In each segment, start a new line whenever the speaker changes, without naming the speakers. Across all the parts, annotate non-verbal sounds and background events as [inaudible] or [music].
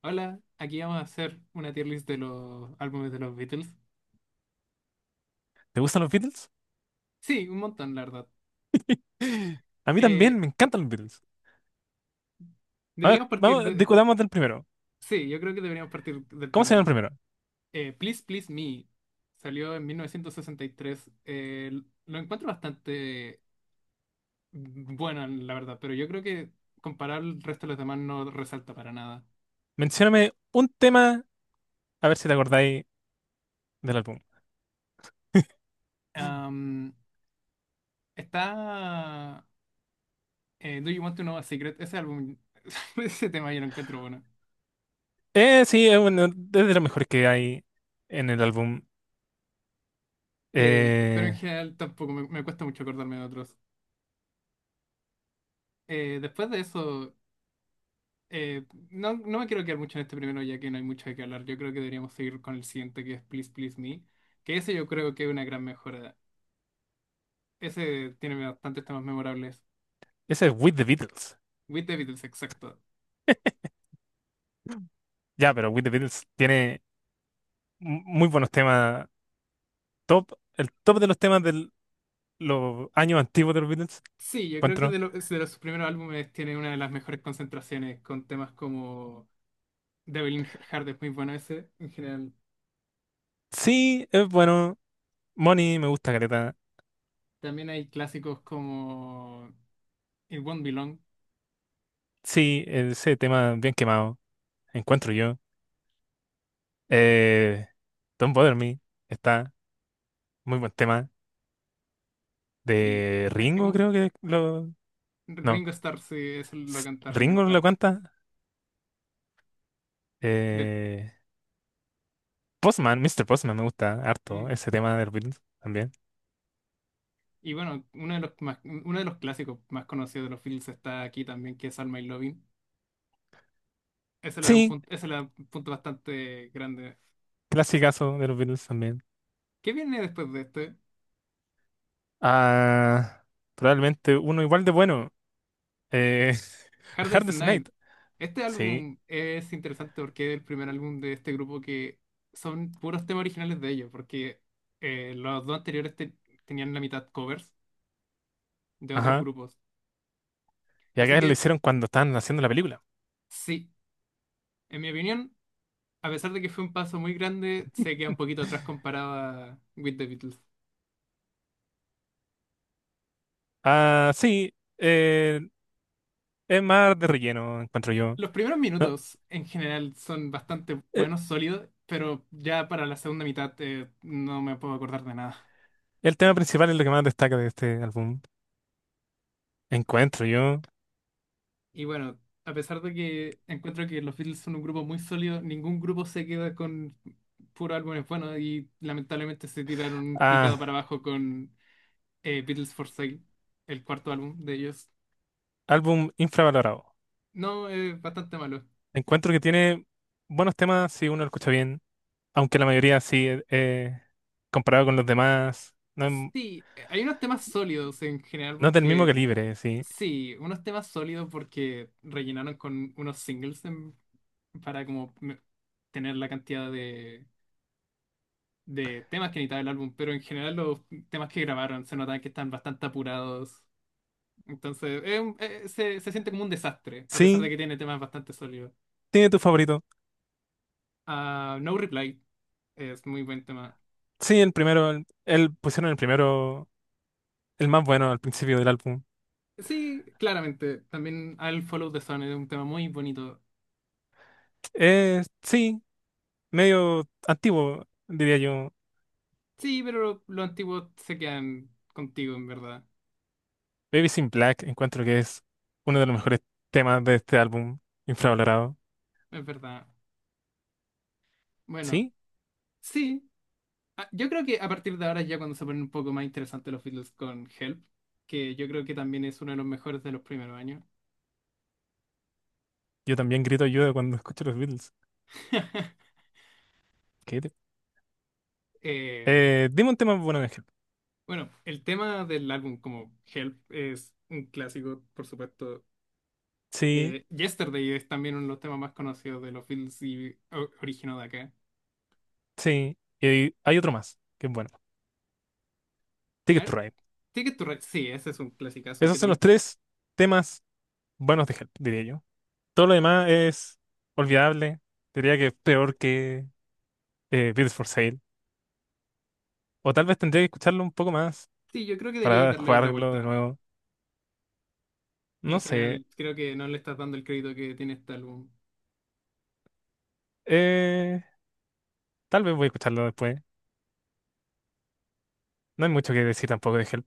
Hola, aquí vamos a hacer una tier list de los álbumes de los Beatles.
¿Te gustan los Beatles?
Sí, un montón, la verdad.
A mí
Eh,
también, me encantan los Beatles. A ver,
deberíamos partir
vamos,
de.
discutamos del primero.
Sí, yo creo que deberíamos partir del
¿Cómo se llama el
primero.
primero?
Please Please Me salió en 1963. Lo encuentro bastante bueno, la verdad, pero yo creo que comparar el resto de los demás no resalta para nada.
Mencióname un tema, a ver si te acordáis del álbum.
Am, está... Do You Want to Know a Secret? Ese álbum, [laughs] ese tema yo lo encuentro bueno.
Sí, es uno de los mejores que hay en el álbum.
Pero en
Eh,
general tampoco me cuesta mucho acordarme de otros. Después de eso, eh, no, no me quiero quedar mucho en este primero, ya que no hay mucho de qué hablar. Yo creo que deberíamos seguir con el siguiente, que es Please Please Me, que ese yo creo que es una gran mejora. Ese tiene bastantes temas memorables.
Ese es With the Beatles.
With the Beatles, exacto.
Ya, pero With the Beatles tiene muy buenos temas. Top, el top de los temas del, los años antiguos de los Beatles.
Sí, yo creo que
Encuentro.
de los primeros álbumes tiene una de las mejores concentraciones, con temas como Devil in Heart es muy bueno ese, en general.
Sí, es bueno. Money me gusta caleta.
También hay clásicos como It Won't Be Long.
Sí, ese tema bien quemado. Encuentro yo. Eh, Don't Bother Me está muy buen tema.
Sí,
De Ringo, creo que lo. No,
Ringo Starr, sí, eso lo canta Ringo
Ringo lo
Starr.
canta.
De-
Eh, Postman, Mister Postman me gusta harto.
mm,
Ese tema de los Beatles también.
y bueno, uno de los más, uno de los clásicos más conocidos de los Beatles está aquí también, que es Alma y Lovin. Ese le da un
Sí,
punto, ese le da un punto bastante grande.
clasicazo de los Beatles también.
¿Qué viene después de este?
Ah, probablemente uno igual de bueno. Eh, [laughs] A
Hard
Hard
Day's
Day's
Night.
Night.
Este
Sí,
álbum es interesante porque es el primer álbum de este grupo que son puros temas originales de ellos, porque los dos anteriores tenían la mitad covers de otros
ajá.
grupos.
Y
Así
acá lo
que
hicieron cuando estaban haciendo la película.
sí, en mi opinión. A pesar de que fue un paso muy grande, se queda un poquito atrás comparado a With the Beatles.
Ah, sí. Es más de relleno, encuentro yo.
Los primeros
No,
minutos en general son bastante
eh,
buenos, sólidos, pero ya para la segunda mitad no me puedo acordar de nada.
el tema principal es lo que más destaca de este álbum. Encuentro yo.
Y bueno, a pesar de que encuentro que los Beatles son un grupo muy sólido, ningún grupo se queda con puro álbumes buenos y lamentablemente se tiraron un picado
Ah,
para abajo con Beatles for Sale, el cuarto álbum de ellos.
álbum infravalorado.
No, es bastante malo.
Encuentro que tiene buenos temas si uno lo escucha bien. Aunque la mayoría sí, comparado con los demás, no, es
Sí, hay unos temas sólidos en general
no es del mismo
porque,
calibre, sí.
sí, unos temas sólidos porque rellenaron con unos singles para como tener la cantidad de temas que necesitaba el álbum, pero en general los temas que grabaron se notan que están bastante apurados, entonces es se siente como un desastre, a pesar de
Sí,
que tiene temas bastante sólidos.
tiene tu favorito.
Ah, No Reply es muy buen tema.
Sí, el primero, el, pusieron el primero, el más bueno al principio del álbum.
Sí, claramente, también I'll Follow the Sun es un tema muy bonito.
Sí. Medio antiguo, diría yo.
Sí, pero los antiguos se quedan contigo, en verdad.
Babies in Black encuentro que es uno de los mejores temas de este álbum infravalorado.
Es verdad. Bueno,
Sí,
sí. Ah, yo creo que a partir de ahora es ya cuando se ponen un poco más interesantes los Beatles con Help, que yo creo que también es uno de los mejores de los primeros años.
yo también grito ayuda cuando [laughs] escucho los Beatles.
[laughs]
¿Qué te-
Eh,
Dime un tema bueno, Ángel.
bueno, el tema del álbum como Help es un clásico, por supuesto.
Sí,
Yesterday es también uno de los temas más conocidos de los Beatles y originó de acá.
sí. Y hay otro más, que es bueno.
A
Ticket to
ver,
Ride.
Ticket to Ride, sí, ese es un clasicazo
Esos
que
son los
también.
tres temas buenos de Help, diría yo. Todo lo demás es olvidable. Diría que es peor que Beatles for Sale. O tal vez tendría que escucharlo un poco más
Sí, yo creo que deberíais
para
darle otra
jugarlo de
vuelta.
nuevo.
En
No sé.
general, creo que no le estás dando el crédito que tiene este álbum.
Eh, Tal vez voy a escucharlo después. No hay mucho que decir tampoco de Help.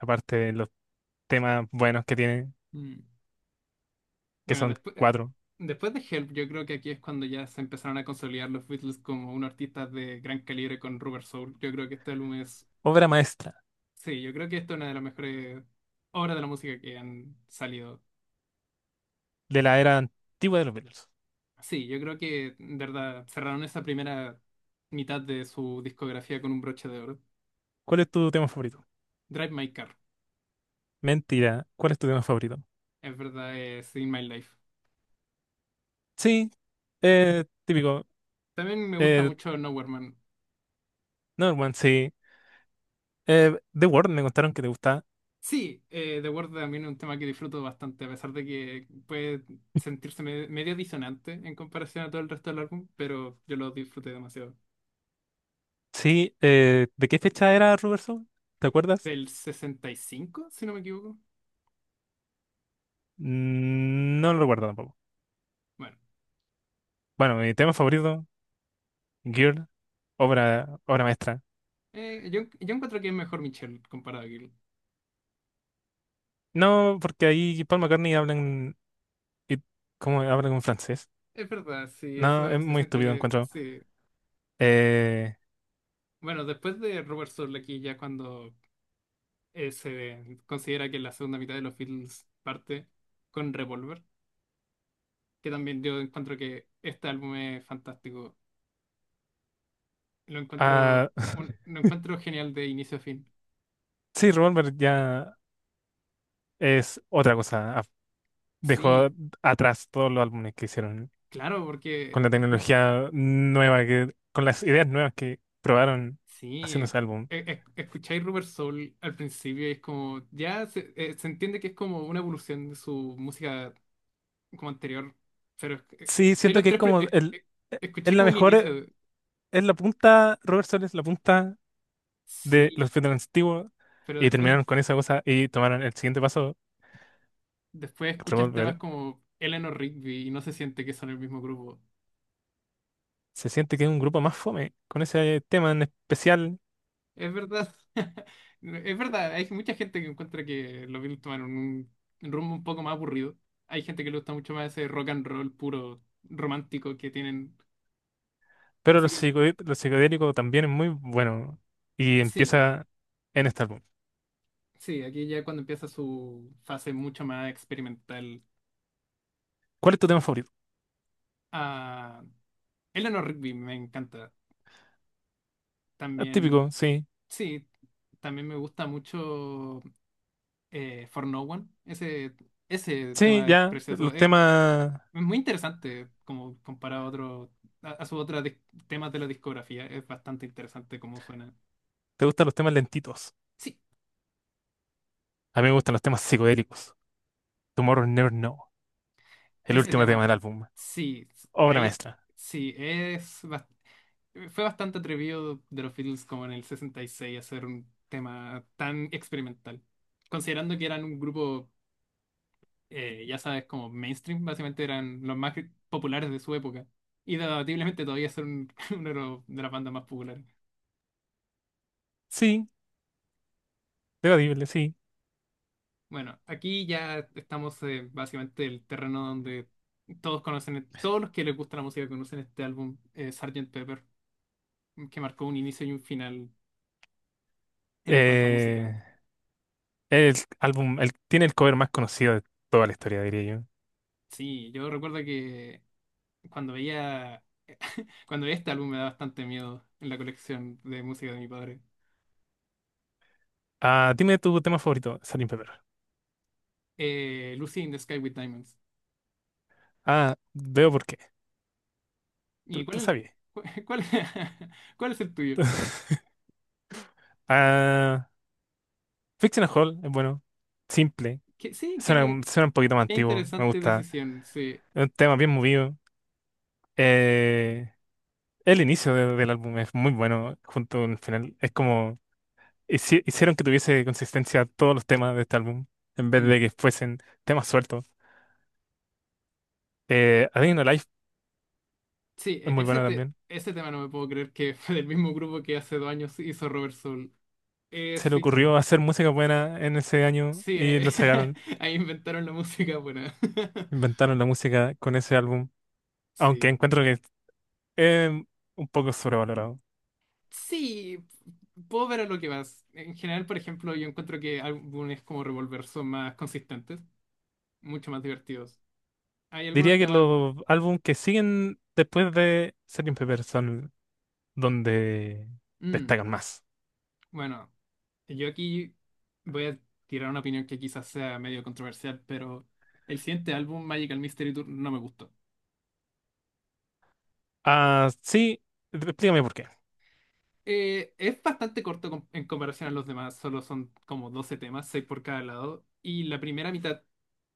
Aparte de los temas buenos que tiene,
Mm.
que
Bueno,
son
después,
cuatro.
después de Help, yo creo que aquí es cuando ya se empezaron a consolidar los Beatles como unos artistas de gran calibre con Rubber Soul. Yo creo que este álbum es.
Obra maestra
Sí, yo creo que esta es una de las mejores obras de la música que han salido.
de la era antigua de los Beatles.
Sí, yo creo que, de verdad, cerraron esa primera mitad de su discografía con un broche de oro.
¿Cuál es tu tema favorito?
Drive My Car,
Mentira. ¿Cuál es tu tema favorito?
es verdad, es In My Life.
Sí. Típico.
También me gusta
Eh,
mucho Nowhere Man.
Another One, sí. The World, me contaron que te gusta.
Sí, The Word también es un tema que disfruto bastante, a pesar de que puede sentirse medio disonante en comparación a todo el resto del álbum, pero yo lo disfruté demasiado.
Sí. ¿De qué fecha era Rubber Soul? ¿Te acuerdas?
Del 65, si no me equivoco.
Mm, no lo recuerdo tampoco.
Bueno,
Bueno, mi tema favorito, Girl, obra maestra.
yo encuentro que es mejor Michelle comparado a Gil.
No, porque ahí Paul McCartney habla en, y cómo habla con francés.
Es verdad, sí, eso
No, es
se
muy
siente
estúpido,
medio.
encuentro.
Sí.
Eh,
Bueno, después de Robert Soul aquí ya cuando se considera que la segunda mitad de los Beatles parte con Revolver, que también yo encuentro que este álbum es fantástico. Lo encuentro,
ah, [laughs]
lo encuentro genial de inicio a fin.
sí, Revolver ya es otra cosa. Dejó
Sí,
atrás todos los álbumes que hicieron
claro, porque
con la tecnología nueva, que, con las ideas nuevas que probaron haciendo
sí,
ese álbum.
escucháis Rubber Soul al principio y es como, ya se, se entiende que es como una evolución de su música como anterior, pero
Sí,
escucháis
siento
los
que es
tres,
como el, es
escucháis
la
como el
mejor,
inicio,
es la punta, Robert Soul es la punta de
sí,
los Beatles antiguos
pero
y
después,
terminaron con esa cosa y tomaron el siguiente paso.
después escuchas temas
Revolver
como Eleanor Rigby y no se siente que son el mismo grupo.
se siente que es un grupo más fome con ese tema en especial,
Es verdad. [laughs] Es verdad, hay mucha gente que encuentra que los Beatles tomaron un rumbo un poco más aburrido. Hay gente que le gusta mucho más ese rock and roll puro romántico que tienen.
pero
Así
los
que
lo psicodélico también es muy bueno y
sí,
empieza en este álbum.
sí, aquí ya cuando empieza su fase mucho más experimental.
¿Cuál es tu tema favorito?
Ah, Eleanor Rigby me encanta.
Ah,
También,
típico, sí.
sí, también me gusta mucho For No One. Ese
Sí,
tema es
ya,
precioso.
los temas,
Es muy interesante como comparado a a sus otros temas de la discografía. Es bastante interesante cómo suena.
te gustan los temas lentitos.
Sí,
A mí me gustan los temas psicodélicos. Tomorrow Never Know, el
ese
último tema
tema,
del álbum.
sí, s-
Obra
ahí,
maestra.
sí, es fue bastante atrevido de los Beatles como en el 66 hacer un tema tan experimental. Considerando que eran un grupo, ya sabes, como mainstream, básicamente eran los más populares de su época. Y debatiblemente todavía son [laughs] uno de de las bandas más populares.
Sí, debatible, sí.
Bueno, aquí ya estamos básicamente en el terreno donde todos conocen, todos los que les gusta la música conocen este álbum, Sgt. Pepper, que marcó un inicio y un final en cuanto a música.
Eh, el álbum, el, tiene el cover más conocido de toda la historia, diría yo.
Sí, yo recuerdo que cuando veía, cuando veía este álbum me da bastante miedo en la colección de música de mi padre.
Ah, dime tu tema favorito, Salim Pepper.
Lucy in the Sky with Diamonds.
Ah, veo por qué.
¿Y
Tú,
cuál
tú
es,
sabías.
[laughs] cuál, [laughs] cuál es el tuyo?
[laughs] Ah, Fictional Hall es bueno. Simple.
Que, sí, qué, va-
Suena, suena un poquito más
qué
antiguo. Me
interesante
gusta.
decisión, sí.
Es un tema bien movido. Eh, el inicio del álbum es muy bueno junto con el final. Es como hicieron que tuviese consistencia todos los temas de este álbum en vez
Mm.
de que fuesen temas sueltos. A Day in the Life
Sí,
es muy buena también.
ese tema no me puedo creer que [laughs] fue del mismo grupo que hace dos años hizo Robert Soul. Eh,
Se le
sí,
ocurrió hacer música buena en ese año
sí, eh,
y lo sacaron.
[laughs] ahí inventaron la música buena. [laughs]
Inventaron la música con ese álbum. Aunque
Sí,
encuentro que es un poco sobrevalorado.
sí, puedo ver a lo que vas. En general, por ejemplo, yo encuentro que álbumes como Revolver son más consistentes, mucho más divertidos. Hay algunos
Diría que
temas.
los álbumes que siguen después de Sgt. Pepper son donde
Mm,
destacan más.
bueno, yo aquí voy a tirar una opinión que quizás sea medio controversial, pero el siguiente álbum, Magical Mystery Tour, no me gustó.
Ah, sí, explícame por qué.
Es bastante corto en comparación a los demás, solo son como 12 temas, 6 por cada lado, y la primera mitad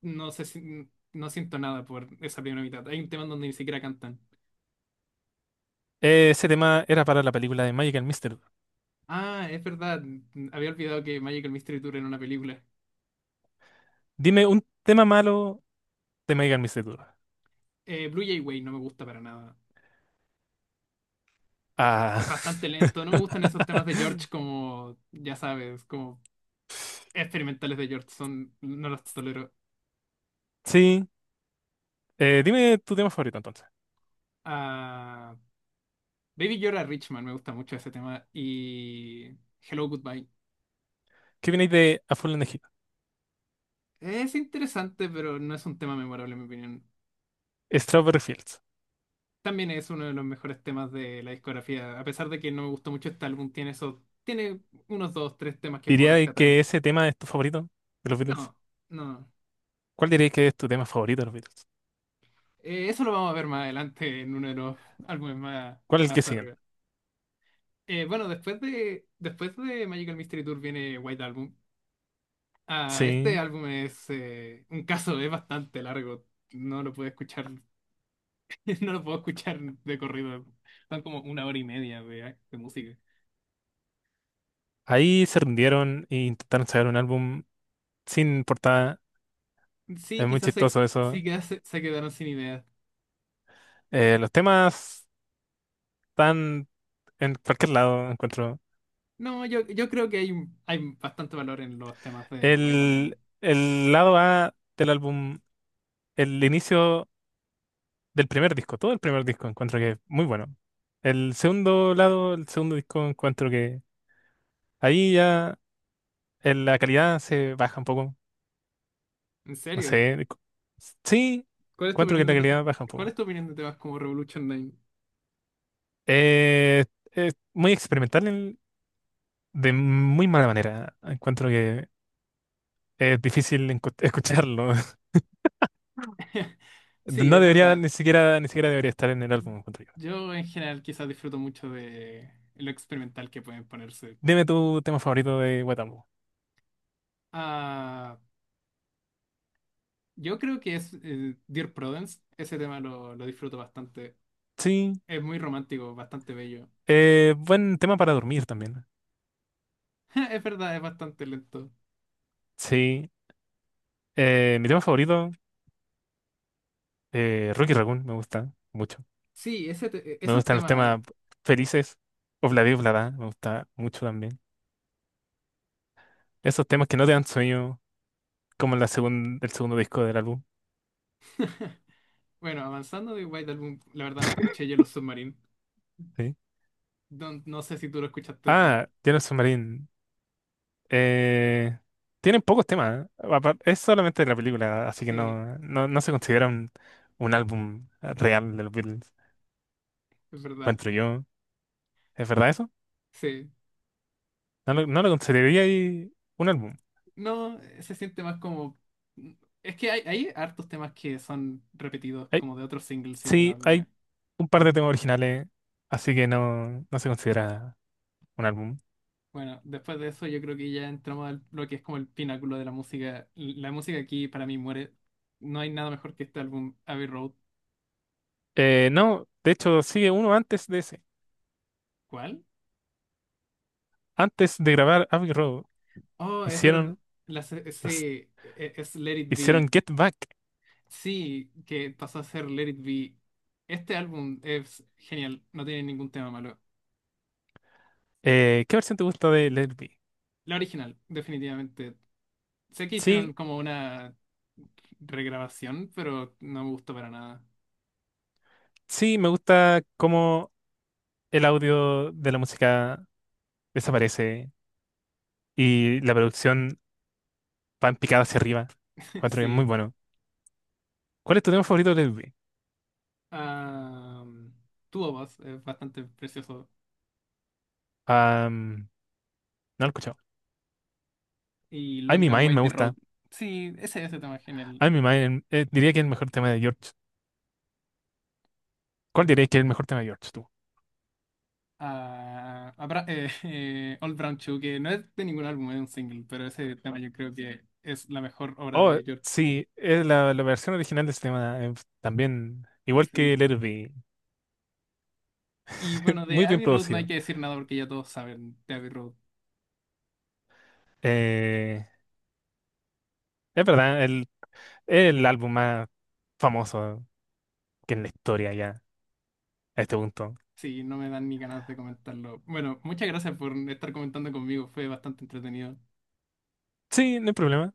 no sé si- no siento nada por esa primera mitad. Hay un tema donde ni siquiera cantan.
Ese tema era para la película de Magical Mystery Tour.
Ah, es verdad, había olvidado que Magical Mystery Tour era una película.
Dime un tema malo de Magical Mystery Tour.
Blue Jay Way no me gusta para nada.
Ah,
Es bastante lento, no me gustan
[laughs]
esos temas de George como, ya sabes, como experimentales de George, son, no los tolero.
sí. Dime tu tema favorito entonces.
Ah, Baby Yoda Richman me gusta mucho ese tema y Hello Goodbye.
¿Qué viene de A Full in the Heat?
Es interesante, pero no es un tema memorable en mi opinión.
Strawberry Fields.
También es uno de los mejores temas de la discografía. A pesar de que no me gustó mucho este álbum, tiene eso tiene unos dos, tres temas que puedo
¿Diría
rescatar.
que ese tema es tu favorito de los Beatles?
No, no.
¿Cuál dirías que es tu tema favorito de los Beatles?
Eso lo vamos a ver más adelante en uno de los álbumes más,
¿Cuál es el que
más
siguen?
arriba. Bueno, después de Magical Mystery Tour viene White Album. Ah, este
Sí.
álbum es un caso, es bastante largo. No lo puedo escuchar, [laughs] no lo puedo escuchar de corrido. Son como una hora y media de música.
Ahí se rindieron e intentaron sacar un álbum sin portada.
Sí,
Es muy chistoso
sí
eso.
que se quedaron sin ideas.
Los temas están en cualquier lado, encuentro.
No, yo creo que hay bastante valor en los temas de White Album.
El lado A del álbum, el inicio del primer disco, todo el primer disco, encuentro que es muy bueno. El segundo lado, el segundo disco, encuentro que ahí ya la calidad se baja un poco.
En
No
serio,
sé. Sí,
¿cuál es tu
encuentro que
opinión
la calidad baja un
cuál es
poco.
tu opinión de temas como Revolution 9?
Eh, es muy experimental de muy mala manera. Encuentro que es difícil escucharlo. [laughs]
[laughs] Sí,
No
es
debería,
verdad.
ni siquiera, ni siquiera debería estar en el álbum, encuentro yo.
Yo en general quizás disfruto mucho de lo experimental que pueden ponerse.
Dime tu tema favorito de Guatambo.
Ah, yo creo que es Dear Prudence. Ese tema lo disfruto bastante.
Sí,
Es muy romántico, bastante bello.
buen tema para dormir también.
[laughs] Es verdad, es bastante lento.
Sí, mi tema favorito, Rocky Raccoon, me gusta mucho.
Sí, ese
Me
esos
gustan los
temas.
temas felices, Obladi Oblada, me gusta mucho también. Esos temas que no te dan sueño, como la el segundo disco del álbum.
[laughs] Bueno, avanzando de White Album, la verdad no escuché Yellow Submarine.
Sí.
No, no sé si tú lo escuchaste.
Ah, Yellow Submarine, Eh, tienen pocos temas. ¿Eh? Es solamente de la película, así que
Sí,
no, no, no se considera un álbum real de los Beatles.
es verdad.
Encuentro yo. ¿Es verdad eso?
Sí.
No lo, no lo consideraría ahí un álbum.
No, se siente más como. Es que hay hartos temas que son repetidos
Hay-
como de otros singles y del
sí,
álbum.
hay un par de temas originales, así que no, no se considera un álbum.
Bueno, después de eso yo creo que ya entramos al lo que es como el pináculo de la música. La música aquí para mí muere. No hay nada mejor que este álbum, Abbey Road.
No, de hecho, sigue uno antes de ese.
¿Cuál?
Antes de grabar Abbey Road,
Oh, es verdad.
hicieron,
La, se- sí,
los-
e- e, es Let It
hicieron
Be.
Get Back.
Sí, que pasó a ser Let It Be. Este álbum es genial, no tiene ningún tema malo.
¿Qué versión te gusta de Let It Be?
La original, definitivamente. Sé que hicieron
Sí,
como una regrabación, pero no me gustó para nada.
sí, me gusta cómo el audio de la música desaparece y la producción va en picada hacia arriba.
[laughs]
Cuatro que es muy
Sí.
bueno. ¿Cuál es tu tema favorito de Lil Wayne?
Um, Two of Us es bastante precioso.
Am, no lo he escuchado.
Y
I'm
Long
in
and
Mind me
Wide Road.
gusta.
Sí, ese tema es genial.
I'm in Mind diría que es el mejor tema de George. ¿Cuál dirías que es el mejor tema de George tú?
Ah, [laughs] Old Brown Shoe, que no es de ningún álbum, es un single, pero ese tema yo creo que es la mejor obra
Oh,
de George.
sí, es la, la versión original de ese tema también, igual
Sí.
que Let It Be,
Y bueno,
[laughs]
de
muy bien
Abbey Road no hay
producido.
que decir nada porque ya todos saben de Abbey Road.
Eh, es verdad, el, es el álbum más famoso que en la historia ya, a este punto.
Sí, no me dan ni ganas de comentarlo. Bueno, muchas gracias por estar comentando conmigo, fue bastante entretenido.
Sí, no hay problema.